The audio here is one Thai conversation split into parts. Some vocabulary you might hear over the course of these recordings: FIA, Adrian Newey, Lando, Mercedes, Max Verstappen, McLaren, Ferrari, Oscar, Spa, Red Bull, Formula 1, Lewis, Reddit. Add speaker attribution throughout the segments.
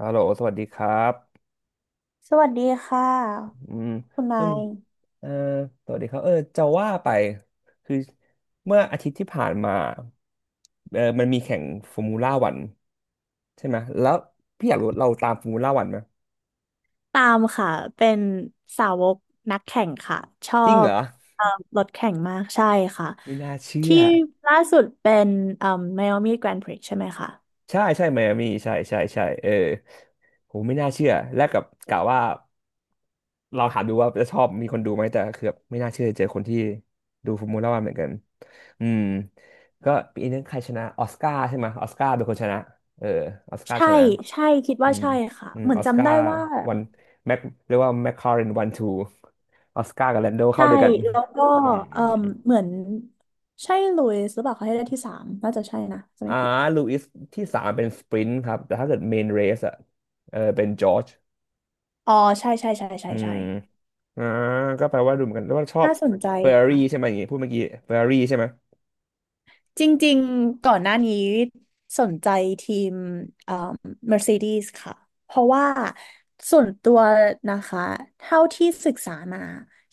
Speaker 1: ฮัลโหลสวัสดีครับ
Speaker 2: สวัสดีค่ะ
Speaker 1: อืม
Speaker 2: คุณ
Speaker 1: เอ
Speaker 2: นา
Speaker 1: ม
Speaker 2: ย
Speaker 1: เออสวัสดีครับเออจะว่าไป คือเมื่ออาทิตย์ที่ผ่านมาเออมันมีแข่งฟอร์มูล่าวันใช่ไหม แล้วพี่อยากรู้เราตามฟอร์มูล่าวันไหม
Speaker 2: ตามค่ะเป็นสาวกนักแข่งค่ะชอ
Speaker 1: จริงเหร
Speaker 2: บ
Speaker 1: อ
Speaker 2: เอ่อรถแข่งมากใช่ค่ะ
Speaker 1: ไม่น่าเชื่อ
Speaker 2: ที่ล่าสุดเป็นเอ่อไมอามี่แกรนด์พริกใช่ไหมคะ
Speaker 1: ใช่ใช่ไมอามี่ใช่ใช่ใช่เออผมไม่น่าเชื่อแรกกับกะว่าเราถามดูว่าจะชอบมีคนดูไหมแต่คือแบบไม่น่าเชื่อเจอคนที่ดูฟอร์มูล่าวันเหมือนกันอืมก็ปีนึงใครชนะออสการ์ใช่ไหมออสการ์เป็นคนชนะเออออสการ์
Speaker 2: ใช่
Speaker 1: ชนะ
Speaker 2: ใช่คิด
Speaker 1: อื
Speaker 2: ว่า
Speaker 1: ม
Speaker 2: ใช่ค่ะ
Speaker 1: อืม
Speaker 2: เหมือ
Speaker 1: อ
Speaker 2: น
Speaker 1: อสกา
Speaker 2: จำได้
Speaker 1: ร์
Speaker 2: ว่า
Speaker 1: วันแม็กเรียกว่าแมคคาเรนวันทูออสการ์กับแลนโดเข้า
Speaker 2: ใช่
Speaker 1: ด้วยกัน
Speaker 2: แล้วก็
Speaker 1: อืมอื
Speaker 2: เอ่อ
Speaker 1: มอืม
Speaker 2: เหมือนใช่ลุยส์หรือเปล่าเขาให้ได้ที่สามน่าจะใช่นะจะไม่
Speaker 1: อ่า
Speaker 2: ผิด
Speaker 1: ลูอิสที่สามเป็นสปรินต์ครับแต่ถ้าเกิดเมนเรสอะเออเป็นจอร์จ
Speaker 2: อ๋อใช่ใช่ใช่ใช่
Speaker 1: อื
Speaker 2: ใช่
Speaker 1: มอ่าก็แปลว่าดูเหมือนกันแล้วว่าชอบ
Speaker 2: น่าสนใจ
Speaker 1: เฟอร์รารี่ใช่ไหมอย่างงี้พูดเมื่อกี้เฟอร์รารี่ใช่ไหม
Speaker 2: จริงๆก่อนหน้านี้สนใจทีมเอ่อ Mercedes ค่ะ เพราะว่าส่วนตัวนะคะเท่าที่ศึกษามา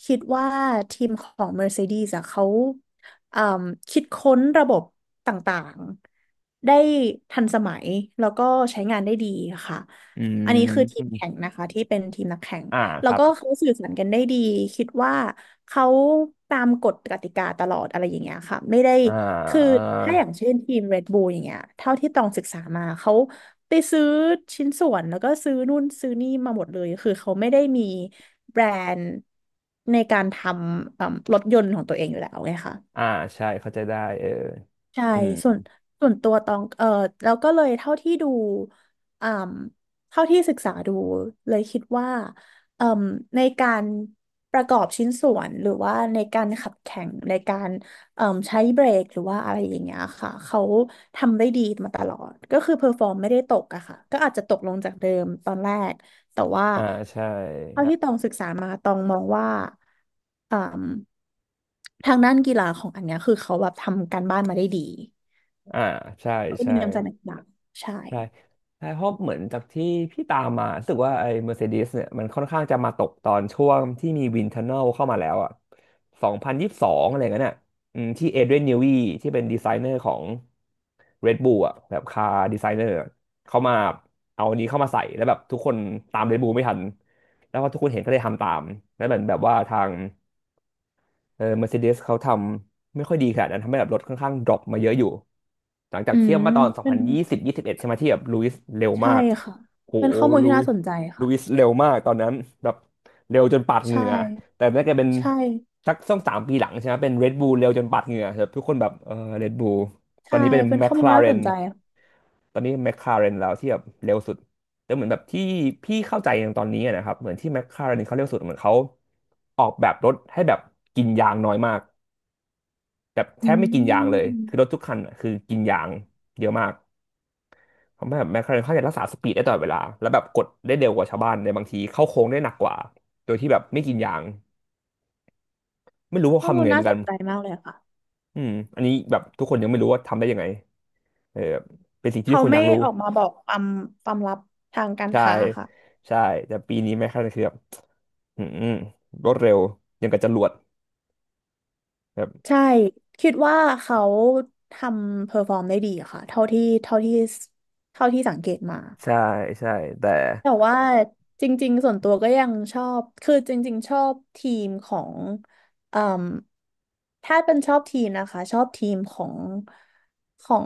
Speaker 2: คิดว่าทีมของ Mercedes อะเขาเอ่มคิดค้นระบบต่างๆได้ทันสมัยแล้วก็ใช้งานได้ดีค่ะ
Speaker 1: อื
Speaker 2: อันนี้คือทีม
Speaker 1: ม
Speaker 2: แข่งนะคะที่เป็นทีมนักแข่ง
Speaker 1: อ่า
Speaker 2: แล้
Speaker 1: ค
Speaker 2: ว
Speaker 1: รับ
Speaker 2: ก็เขาสื่อสารกันได้ดีคิดว่าเขาตามกฎกติกาตลอดอะไรอย่างเงี้ยค่ะไม่ได้
Speaker 1: อ่า
Speaker 2: คือ
Speaker 1: อ่า
Speaker 2: ถ้าอย่างเช่นทีม Red Bull อย่างเงี้ยเท่าที่ตองศึกษามาเขาไปซื้อชิ้นส่วนแล้วก็ซื้อนู่นซื้อนี่มาหมดเลยคือเขาไม่ได้มีแบรนด์ในการทำเอิ่มรถยนต์ของตัวเองอยู่แล้วไงคะ
Speaker 1: อ่าใช่เข้าใจได้เออ
Speaker 2: ใช่
Speaker 1: อืม
Speaker 2: ส่วนส่วนตัวตองแล้วก็เลยเท่าที่ดูอ่มเท่าที่ศึกษาดูเลยคิดว่าเอ่มในการประกอบชิ้นส่วนหรือว่าในการขับแข่งในการเอ่มใช้เบรกหรือว่าอะไรอย่างเงี้ยค่ะเขาทำได้ดีมาตลอดก็คือเพอร์ฟอร์มไม่ได้ตกอะค่ะก็อาจจะตกลงจากเดิมตอนแรก แต่ว่า
Speaker 1: อ่าใช่
Speaker 2: เท่าที่ตองศึกษามาตองมองว่าอ่ทางด้านกีฬาของอันเนี้ยคือเขาแบบทำการบ้านมาได้ดี
Speaker 1: อ่าใช่
Speaker 2: แล้วก็
Speaker 1: ใช่
Speaker 2: มีน้ำใจนักกีฬาใช่
Speaker 1: ใช่ใช่เพราะเหมือนจากที่พี่ตามมารู้สึกว่าไอ้ Mercedes เนี่ยมันค่อนข้างจะมาตกตอนช่วงที่มีวินเทอร์เนลเข้ามาแล้วอ่ะ2022อะไรเงี้ยน่ะอืมที่เอเดรียนนิวีที่เป็นดีไซเนอร์ของ Red Bull อ่ะแบบคาร์ดีไซเนอร์เขามาเอาอันนี้เข้ามาใส่แล้วแบบทุกคนตาม Red Bull ไม่ทันแล้วพอทุกคนเห็นก็เลยทำตามแล้วเหมือนแบบว่าทาง เออ Mercedes เขาทำไม่ค่อยดีขนาดนั้นทำให้แบบรถค่อนข้างดรอปมาเยอะอยู่หลังจาก
Speaker 2: อื
Speaker 1: เทีย
Speaker 2: ม
Speaker 1: บมาตอนสอง
Speaker 2: เป็
Speaker 1: พั
Speaker 2: น
Speaker 1: นยี่สิบยี่สิบเอ็ดใช่ไหมที่แบบลุยส์เร็ว
Speaker 2: ใช่
Speaker 1: มาก
Speaker 2: ค่ะ
Speaker 1: โห
Speaker 2: เป็นข้อมูล
Speaker 1: ลุ
Speaker 2: ที่
Speaker 1: ย
Speaker 2: น่าสนใจ
Speaker 1: ลุ
Speaker 2: ค่ะ
Speaker 1: ยส์เร็วมากตอนนั้นแบบเร็วจนปาดเห
Speaker 2: ใช่
Speaker 1: งื่อแต่น่าจะเป็น
Speaker 2: ใช่
Speaker 1: สักสองสามปีหลังใช่ไหมเป็น Red Bull เร็วจนปาดเหงื่อแบบทุกคนแบบเออ Red Bull ตอน
Speaker 2: ใช่
Speaker 1: นี้เป็น
Speaker 2: เป็นข้อมูลที่น่าส
Speaker 1: McLaren
Speaker 2: นใจค่ะ
Speaker 1: ตอนนี้ McLaren แล้วที่แบบเร็วสุดแต่เหมือนแบบที่พี่เข้าใจอย่างตอนนี้อะนะครับเหมือนที่ McLaren เขาเร็วสุดเหมือนเขาออกแบบรถให้แบบกินยางน้อยมาก แบบแท
Speaker 2: อื
Speaker 1: บไม่กินยางเลย
Speaker 2: ม
Speaker 1: คือรถทุกคันอะคือกินยางเยอะมากเพราะแบบแมคลาเรนเขาจะรักษาสปีดได้ตลอดเวลาแล้วแบบกดได้เร็วกว่าชาวบ้านในบางทีเข้าโค้งได้หนักกว่าโดยที่แบบไม่กินยางไม่รู้ว่า
Speaker 2: ข้อ
Speaker 1: เขาทำ
Speaker 2: มู
Speaker 1: ยัง
Speaker 2: ล
Speaker 1: ไงเห
Speaker 2: น่า
Speaker 1: มือน
Speaker 2: ส
Speaker 1: กัน
Speaker 2: นใจมากเลยค่ะ
Speaker 1: อืมอันนี้แบบทุกคนยังไม่รู้ว่าทำได้ยังไงเออแบบเป็นสิ่งที่ทุ
Speaker 2: เขา
Speaker 1: กคนอ
Speaker 2: ไม่
Speaker 1: ยากรู้
Speaker 2: ออกมาบอกความลับทางการ
Speaker 1: ใช่
Speaker 2: ค้าค่ะ
Speaker 1: ใช่แต่ปีนี้แมคลาเรนคือแบบอืมรวดเร็วยังกับจรวดแบบ
Speaker 2: ใช่คิดว่าเขาทำเพอร์ฟอร์มได้ดีอะค่ะเท่าที่สังเกตมา
Speaker 1: ใช่ใช่แต่
Speaker 2: แต่ว่าจริงๆส่วนตัวก็ยังชอบคือจริงๆชอบทีมของเอ่มถ้าเป็นชอบทีมนะคะชอบทีมของของ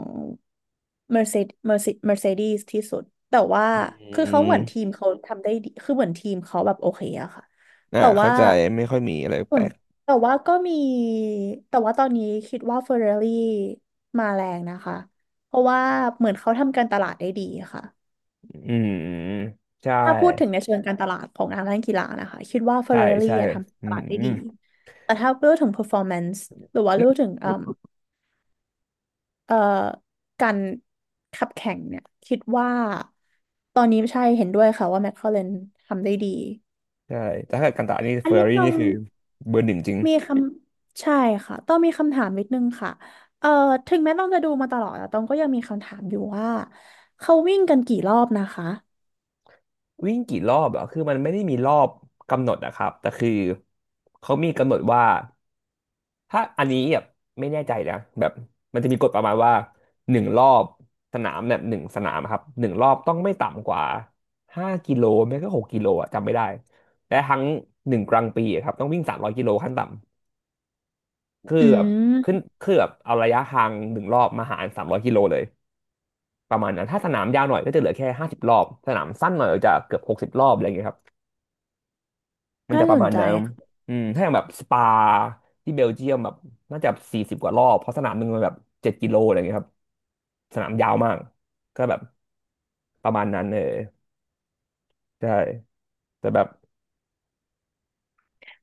Speaker 2: Mercedes Mercedes Mercedes ที่สุดแต่ว่า
Speaker 1: อื
Speaker 2: คือเขาเหมือนที
Speaker 1: ม
Speaker 2: มเขาทำได้ดีคือเหมือนทีมเขาแบบโอเคอะค่ะ
Speaker 1: อ่า
Speaker 2: แต่
Speaker 1: เข้า
Speaker 2: ว่า
Speaker 1: ใจไม่ค่อยมีอะไร
Speaker 2: ส่
Speaker 1: แป
Speaker 2: ว
Speaker 1: ล
Speaker 2: น
Speaker 1: ก
Speaker 2: แต่ว่าก็มีแต่ว่าตอนนี้คิดว่าเฟอร์รารี่มาแรงนะคะเพราะว่าเหมือนเขาทำการตลาดได้ดีค่ะ
Speaker 1: อืมใช่
Speaker 2: ถ้าพูดถึงในเชิงการตลาดของนังเล่นกีฬานะคะคิดว่าเฟอร์
Speaker 1: ใช่
Speaker 2: รารี่
Speaker 1: ใช่
Speaker 2: ทำ
Speaker 1: อื
Speaker 2: ต
Speaker 1: ม
Speaker 2: ลาดได้
Speaker 1: อื
Speaker 2: ดี
Speaker 1: ม
Speaker 2: แต่ถ้าเรื่องถึง performance หรือว่าเรื่องถึงเอ่อการขับแข่งเนี่ยคิดว่าตอนนี้ใช่เห็นด้วยค่ะว่าแมคลาเรนทำได้ดี
Speaker 1: ใช่แต่ถ้าเกิดกันตะนี่
Speaker 2: อั
Speaker 1: เฟ
Speaker 2: น
Speaker 1: อ
Speaker 2: นี้
Speaker 1: ร์รี่
Speaker 2: ต้อ
Speaker 1: นี่
Speaker 2: ง
Speaker 1: คือเบอร์หนึ่งจริง
Speaker 2: มีคำใช่ค่ะต้องมีคำถามนิดนึงค่ะเอ่อถึงแม้ต้องจะดูมาตลอดแต่ต้องก็ยังมีคำถามอยู่ว่าเขาวิ่งกันกี่รอบนะคะ
Speaker 1: วิ่งกี่รอบเหรอคือมันไม่ได้มีรอบกำหนดนะครับแต่คือเขามีกำหนดว่าถ้าอันนี้แบบไม่แน่ใจนะแบบมันจะมีกฎประมาณว่าหนึ่งรอบสนามแบบหนึ่งสนามครับหนึ่งรอบต้องไม่ต่ำกว่า5 กิโลไม่ก็6 กิโลอะจำไม่ได้และทั้งหนึ่งกลางปีอะครับต้องวิ่งสามร้อยกิโลขั้นต่ำคือ
Speaker 2: อื
Speaker 1: แบบ
Speaker 2: ม
Speaker 1: ขึ้นคือแบบเอาระยะทางหนึ่งรอบมาหารสามร้อยกิโลเลย ประมาณนั้นถ้าสนามยาวหน่อยก็จะเหลือแค่50 รอบสนามสั้นหน่อยก็จะเกือบ60 รอบอะไรอย่างเงี้ยครับมัน
Speaker 2: น่า
Speaker 1: จะป
Speaker 2: ส
Speaker 1: ระ
Speaker 2: น
Speaker 1: มาณ
Speaker 2: ใจ
Speaker 1: นั้น
Speaker 2: ค่ะ
Speaker 1: อืมถ้าอย่างแบบสปาที่เบลเยียมแบบน่าจะ40 กว่ารอบเพราะสนามหนึ่งมันแบบ7 กิโลอะไรอย่างเงี้ยครับสนามยาวมากก็แบบประมาณนั้นเออใช่แต่แบบ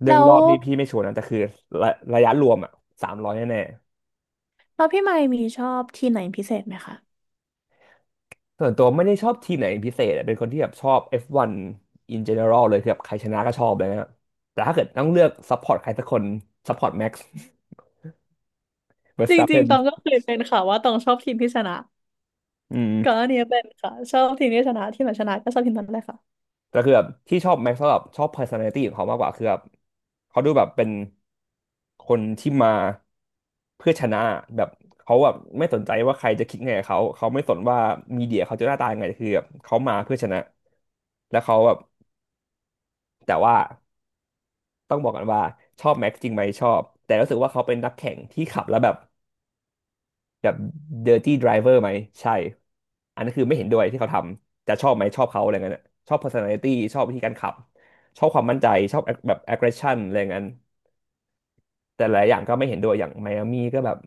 Speaker 1: เรื่อ
Speaker 2: แล้
Speaker 1: งร
Speaker 2: ว
Speaker 1: อบนี่พี่ไม่ชัวร์นะแต่คือระระยะรวมอ่ะสามร้อยแน่
Speaker 2: แล้วพี่ไมค์มีชอบทีมไหนพิเศษไหมคะ
Speaker 1: ส่วนตัวไม่ได้ชอบทีมไหนเป็นพิเศษอะเป็นคนที่แบบชอบ F1 in general เลยคือแบบใครชนะก็ชอบเลยนะแต่ถ้าเกิดต้องเลือกซัพพอร์ตใครสักคนซัพพอร์ ตแม็กซ์ เวอร์
Speaker 2: จ
Speaker 1: สตัปเพ
Speaker 2: ริง
Speaker 1: น
Speaker 2: ๆตองก็เคยเป็นค่ะว่าตองชอบทีมที่ชนะ
Speaker 1: อื
Speaker 2: ก่อนห
Speaker 1: ม
Speaker 2: น้านี้เป็นค่ะชอบทีมที่ชนะทีมไหนชนะก็ชอบทีมนั้นเลยค่ะ
Speaker 1: แต่คือแบบที่ชอบแม็กซ์ก็แบบชอบ personality ของเขามากกว่าคือแบบเขาดูแบบเป็นคนที่มาเพื่อชนะแบบเขาแบบไม่สนใจว่าใครจะคิดไงกับเขาเขาไม่สนว่ามีเดียเขาจะหน้าตายังไงคือแบบเขามาเพื่อชนะแล้วเขาแบบแต่ว่า ต้องบอกกันว่าชอบแม็กซ์จริงไหมชอบแต่รู้สึกว่าเขาเป็นนักแข่งที่ขับแล้วแบบแบบเดอร์ตี้ไดรเวอร์ไหมใช่อันนั้นคือไม่เห็นด้วยที่เขาทำจะชอบไหมชอบเขาอะไรเงี้ยน่ะชอบ personality ชอบวิธีการขับชอบความมั่นใจชอบแบบ aggression อะไรเงี้ยแต่หลายอย่างก็ไม่เห็นด้วยอย่างไมอามี่ก็แบบ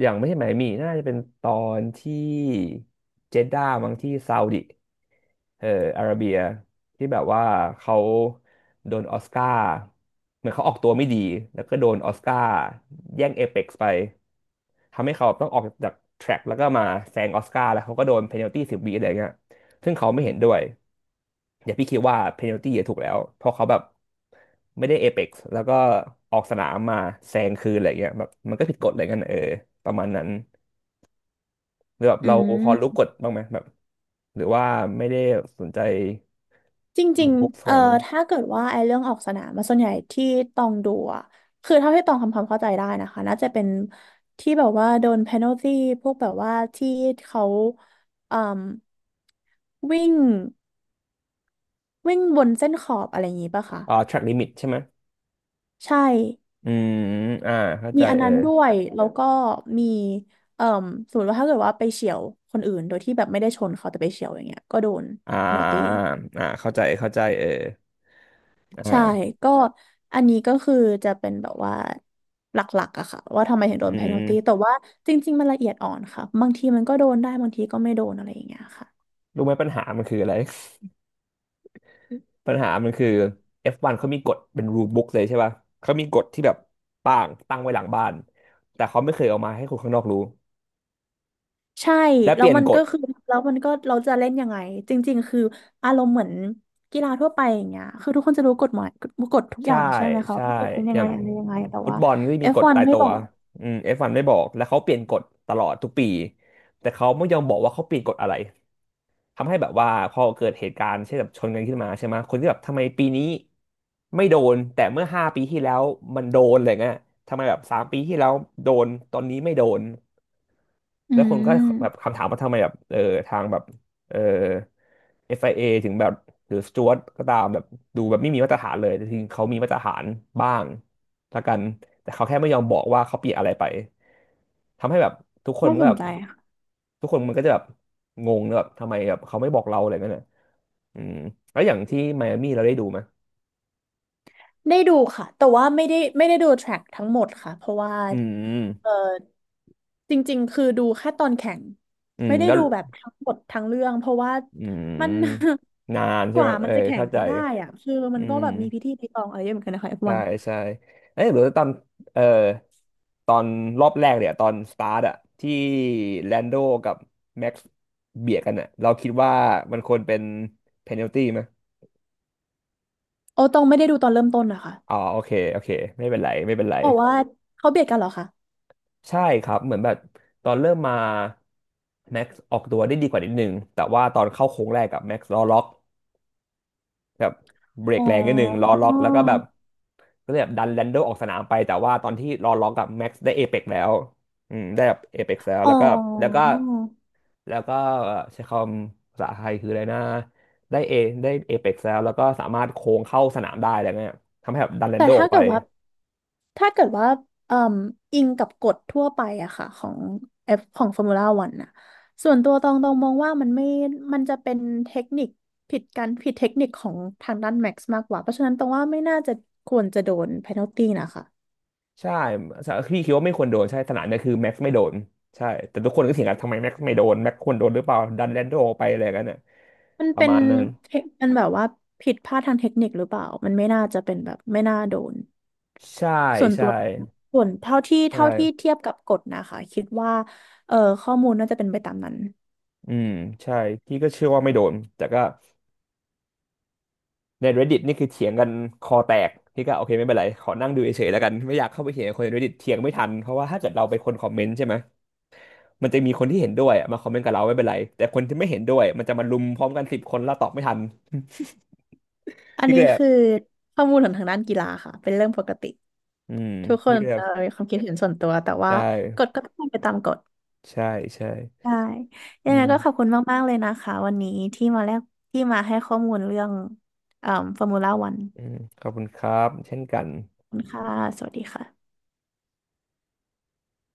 Speaker 1: อย่างไม่ใช่ไหมายหมี่น่าจะเป็นตอนที่เจด้ามั้งที่ซาอุดิเอาระเบียที่แบบว่าเขาโดนออสการ์เหมือนเขาออกตัวไม่ดีแล้วก็โดนออสการ์แย่งเอเพ็กซ์ไปทำให้เขาต้องออกจากแทร็กแล้วก็มาแซงออสการ์แล้วเขาก็โดนเพนัลตี้10 วิอะไรเงี้ยซึ่งเขาไม่เห็นด้วยอย่าพี่คิดว่าเพนัลตี้ถูกแล้วเพราะเขาแบบไม่ได้เอเพ็กซ์แล้วก็ออกสนามมาแซงคืนอะไรเงี้ยแบบมันก็ผิดกฎอะไรเงี้ยเออประมาณนั้น หรือแบบ
Speaker 2: อื
Speaker 1: เราพอรู้
Speaker 2: ม
Speaker 1: กฎบ้างไหมแบบหรือว่าไม่ได้สนใจ
Speaker 2: จริง
Speaker 1: บุ๊กข
Speaker 2: ๆ
Speaker 1: นาดนั้น
Speaker 2: ถ้าเกิดว่าไอ้เรื่องออกสนามมาส่วนใหญ่ที่ตองดูอะคือเท่าที่ตองทำความเข้าใจได้นะคะน่าจะเป็นที่แบบว่าโดนเพนัลตี้พวกแบบว่าที่เขาเอ่มวิ่งวิ่งบนเส้นขอบอะไรอย่างงี้ป่ะคะ
Speaker 1: track limit ใช่ไหม
Speaker 2: ใช่
Speaker 1: อืมอ่าเข้าใจ
Speaker 2: มีอัน
Speaker 1: เออ
Speaker 2: นั้นด้วยแล้วก็มีเอ่มสมมติว่าถ้าเกิดว่าไปเฉี่ยวคนอื่นโดยที่แบบไม่ได้ชนเขาแต่ไปเฉี่ยวอย่างเงี้ยก็โดน
Speaker 1: อ่
Speaker 2: เพนัลตี้
Speaker 1: าเข้าใจเข้าใจเอออ่า
Speaker 2: ใช่ก็อันนี้ก็คือจะเป็นแบบว่าหลักๆอะค่ะว่าทำไมถึงโดน
Speaker 1: อื
Speaker 2: p พ n น l t ตีแต่
Speaker 1: ม
Speaker 2: ว่าจริงๆมันละเอียดอ่อนค่ะบางทีมันก็โดนได้บางทีก็ไม่โดนอะไรอย่างเงี้ยค่ะ
Speaker 1: รู้ไหมปัญหามันคืออะไร ปัญหามันคือ F1 เขามีกฎเป็น rule book เลยใช่ป่ะเขามีกฎที่แบบป่างตั้งไว้หลังบ้านแต่เขาไม่เคยเอามาให้คนข้างนอกรู้
Speaker 2: ใช่
Speaker 1: และเป
Speaker 2: แล้ว
Speaker 1: ลี่ยน
Speaker 2: มัน
Speaker 1: ก
Speaker 2: ก็
Speaker 1: ฎ
Speaker 2: คือแล้วมันก็เราจะเล่นยังไงจริงๆคืออารมณ์เหมือนกีฬาทั่วไปอย่างเงี้ยคือทุกคนจะรู้กฎหมายกฎทุกอ
Speaker 1: ใช่
Speaker 2: ย่างใช่ไหมคะ
Speaker 1: ใช่
Speaker 2: ว่ากฎเป็น
Speaker 1: อ
Speaker 2: ยังไง
Speaker 1: ย่าง
Speaker 2: อะไรยังไงแต่
Speaker 1: ฟุต
Speaker 2: ว่า
Speaker 1: บอลก็
Speaker 2: เอ
Speaker 1: มี
Speaker 2: ฟ
Speaker 1: กฎ
Speaker 2: วัน
Speaker 1: ตาย
Speaker 2: ไม่
Speaker 1: ตั
Speaker 2: บ
Speaker 1: ว
Speaker 2: อก
Speaker 1: อืมเอฟวันไม่บอกแล้วเขาเปลี่ยนกฎตลอดทุกปีแต่เขาไม่ยอมบอกว่าเขาเปลี่ยนกฎอะไรทำให้แบบว่าพอเกิดเหตุการณ์เช่นแบบชนกันขึ้นมาใช่ไหมคนที่แบบทำไมปีนี้ไม่โดนแต่เมื่อ5 ปีที่แล้วมันโดนอะไรเงี้ยทำไมแบบ3 ปีที่แล้วโดนตอนนี้ไม่โดน
Speaker 2: อื
Speaker 1: แล้วคนก็แบบ
Speaker 2: ม
Speaker 1: คำถามว่าทำไมแบบทางแบบเออ FIA ถึงแบบหรือสจ๊วตก็ตามแบบดูแบบไม่มีมาตรฐานเลยแต่จริงเขามีมาตรฐานบ้างละกันแต่เขาแค่ไม่ยอมบอกว่าเขาเปลี่ยนอะไรไปทำให้แบบทุกคน
Speaker 2: น่า
Speaker 1: มัน
Speaker 2: ส
Speaker 1: ก็
Speaker 2: น
Speaker 1: แบบ
Speaker 2: ใจ
Speaker 1: ทุกคนมันก็จะแบบงงนะแบบทำไมแบบเขาไม่บอกเราอะไรเงี้ยนะอืมแล้วอย่างที่ไมอามี่เราได้ดูไหม
Speaker 2: ได้ดูค่ะแต่ว่าไม่ได้ดูแทร็กทั้งหมดค่ะเพราะว่า
Speaker 1: อืม
Speaker 2: เออจริงๆคือดูแค่ตอนแข่ง
Speaker 1: อืม
Speaker 2: ไม่ได้
Speaker 1: แล้ว
Speaker 2: ดูแบบทั้งหมดทั้งเรื่องเพราะว่า
Speaker 1: อื
Speaker 2: มัน
Speaker 1: มนาน
Speaker 2: ก
Speaker 1: ใช่ไหม
Speaker 2: ว่า
Speaker 1: เอ
Speaker 2: มัน
Speaker 1: อ
Speaker 2: จะแข่ง
Speaker 1: เข้าใจ
Speaker 2: กันได้อะคือมั
Speaker 1: อื
Speaker 2: นก็
Speaker 1: ม
Speaker 2: แบบมีพิธีรีตองอะไรเยอะเหมือนกันนะคะเอฟ
Speaker 1: ใช่
Speaker 2: วัน
Speaker 1: ใช่เอ้ยหรือตอนเอ่อตอนรอบแรกเนี่ยตอนสตาร์ทอะที่แลนโดกับแม็กซ์เบียดกันอะเราคิดว่ามันควรเป็นเพนัลตี้ไหม
Speaker 2: โอ้ตองไม่ได้ดูตอนเริ่มต้นนะคะ
Speaker 1: อ๋อโอเคไม่เป็นไร
Speaker 2: แต่ว่าเขาเบียดกันเหรอคะ
Speaker 1: ใช่ครับเหมือนแบบตอนเริ่มมาแม็กซ์ออกตัวได้ดีกว่านิดนึงแต่ว่าตอนเข้าโค้งแรกกับแม็กซ์ล้อล็อกแบบเบร
Speaker 2: อ๋
Speaker 1: ก
Speaker 2: อ
Speaker 1: แรงนิดนึงล้อล็อกแล้วก็แบบ ก็เลยแบบดันแลนโดออกสนามไปแต่ว่าตอนที่รอล็อกกับแม็กซ์ได้เอเปกแล้วอืมได้แบบเอเปกแล้ว
Speaker 2: อ๋อ
Speaker 1: แล้วก็แล้วก็แล้วก็ใช้คำภาษาไทยคืออะไรนะได้เอเอเปกแล้วแล้วก็สามารถโค้งเข้าสนามได้อะไรเงี้ยทำให้แบบดันแลน
Speaker 2: แต่
Speaker 1: โดอ
Speaker 2: ถ้า
Speaker 1: อกไป
Speaker 2: เกิดว่าถ้าเกิดว่าเอ่มอิงกับกฎทั่วไปอะค่ะของเอฟของฟอร์มูล่าวันอะส่วนตัวตองมองว่ามันไม่มันจะเป็นเทคนิคผิดกันผิดเทคนิคของทางด้านแม็กซ์มากกว่าเพราะฉะนั้นตองว่าไม่น่าจะควรจะโดน p พ n น l t ตีนะคะ
Speaker 1: ใช่พี่คิดว่าไม่ควรโดนใช่สนามเนี่ยคือแม็กซ์ไม่โดนใช่แต่ทุกคนก็เถียงกันทำไมแม็กซ์ไม่โดนแม็กซ์ควรโดนหรือเปล่าดันแลนโดออกไปอะไรกันเนี่ย
Speaker 2: มัน
Speaker 1: ประ
Speaker 2: เป็น
Speaker 1: มาณนั้น
Speaker 2: เทคมันแบบว่าผิดพลาดทางเทคนิคหรือเปล่ามันไม่น่าจะเป็นแบบไม่น่าโดน
Speaker 1: ใช่
Speaker 2: ส่วนตั
Speaker 1: ใช่
Speaker 2: วส่วนเท่าที่
Speaker 1: ใช่
Speaker 2: เทียบกับกฎนะคะคิดว่าเออข้อมูลน่าจะเป็นไปตามนั้น
Speaker 1: อืมใช่พี่ก็เชื่อว่าไม่โดนแต่ก็ ใน Reddit นี่คือเถียงกันคอแตกพี่ก็โอเคไม่เป็นไรขอนั่งดูเฉยๆแล้วกันไม่อยากเข้าไปเถียงกับคนใน Reddit เถียงไม่ทันเพราะว่าถ้าเกิดเราเป็นคนคอมเมนต์ใช่ไหมมันจะมีคนที่เห็นด้วยอะมาคอมเมนต์กับเราไม่เป็นไรแต่คนที่ไม่เห็นด้วยมันจะมารุมพร้อมกัน10 คนแล้วตอบไม่ทัน
Speaker 2: อัน
Speaker 1: พี่ก็
Speaker 2: นี้
Speaker 1: เลยแบบ
Speaker 2: คือข้อมูลของทางด้านกีฬาค่ะเป็นเรื่องปกติ
Speaker 1: อืม
Speaker 2: ทุกค
Speaker 1: พี่
Speaker 2: น
Speaker 1: ก็เลยแบบ
Speaker 2: มีความคิดเห็นส่วนตัวแต่ว่า
Speaker 1: ได
Speaker 2: กฎ
Speaker 1: ้
Speaker 2: ก็ต้องเป็นไปตามกฎ
Speaker 1: ใช่ใช่
Speaker 2: ใช่
Speaker 1: อื
Speaker 2: ยังไงก็ขอบ
Speaker 1: ม
Speaker 2: คุณมากๆเลยนะคะวันนี้ที่มาแลกที่มาให้ข้อมูลเรื่องเอ่อฟอร์มูล่าวัน
Speaker 1: ขอบคุณครับเช่นกัน
Speaker 2: คุณค่ะสวัสดีค่ะ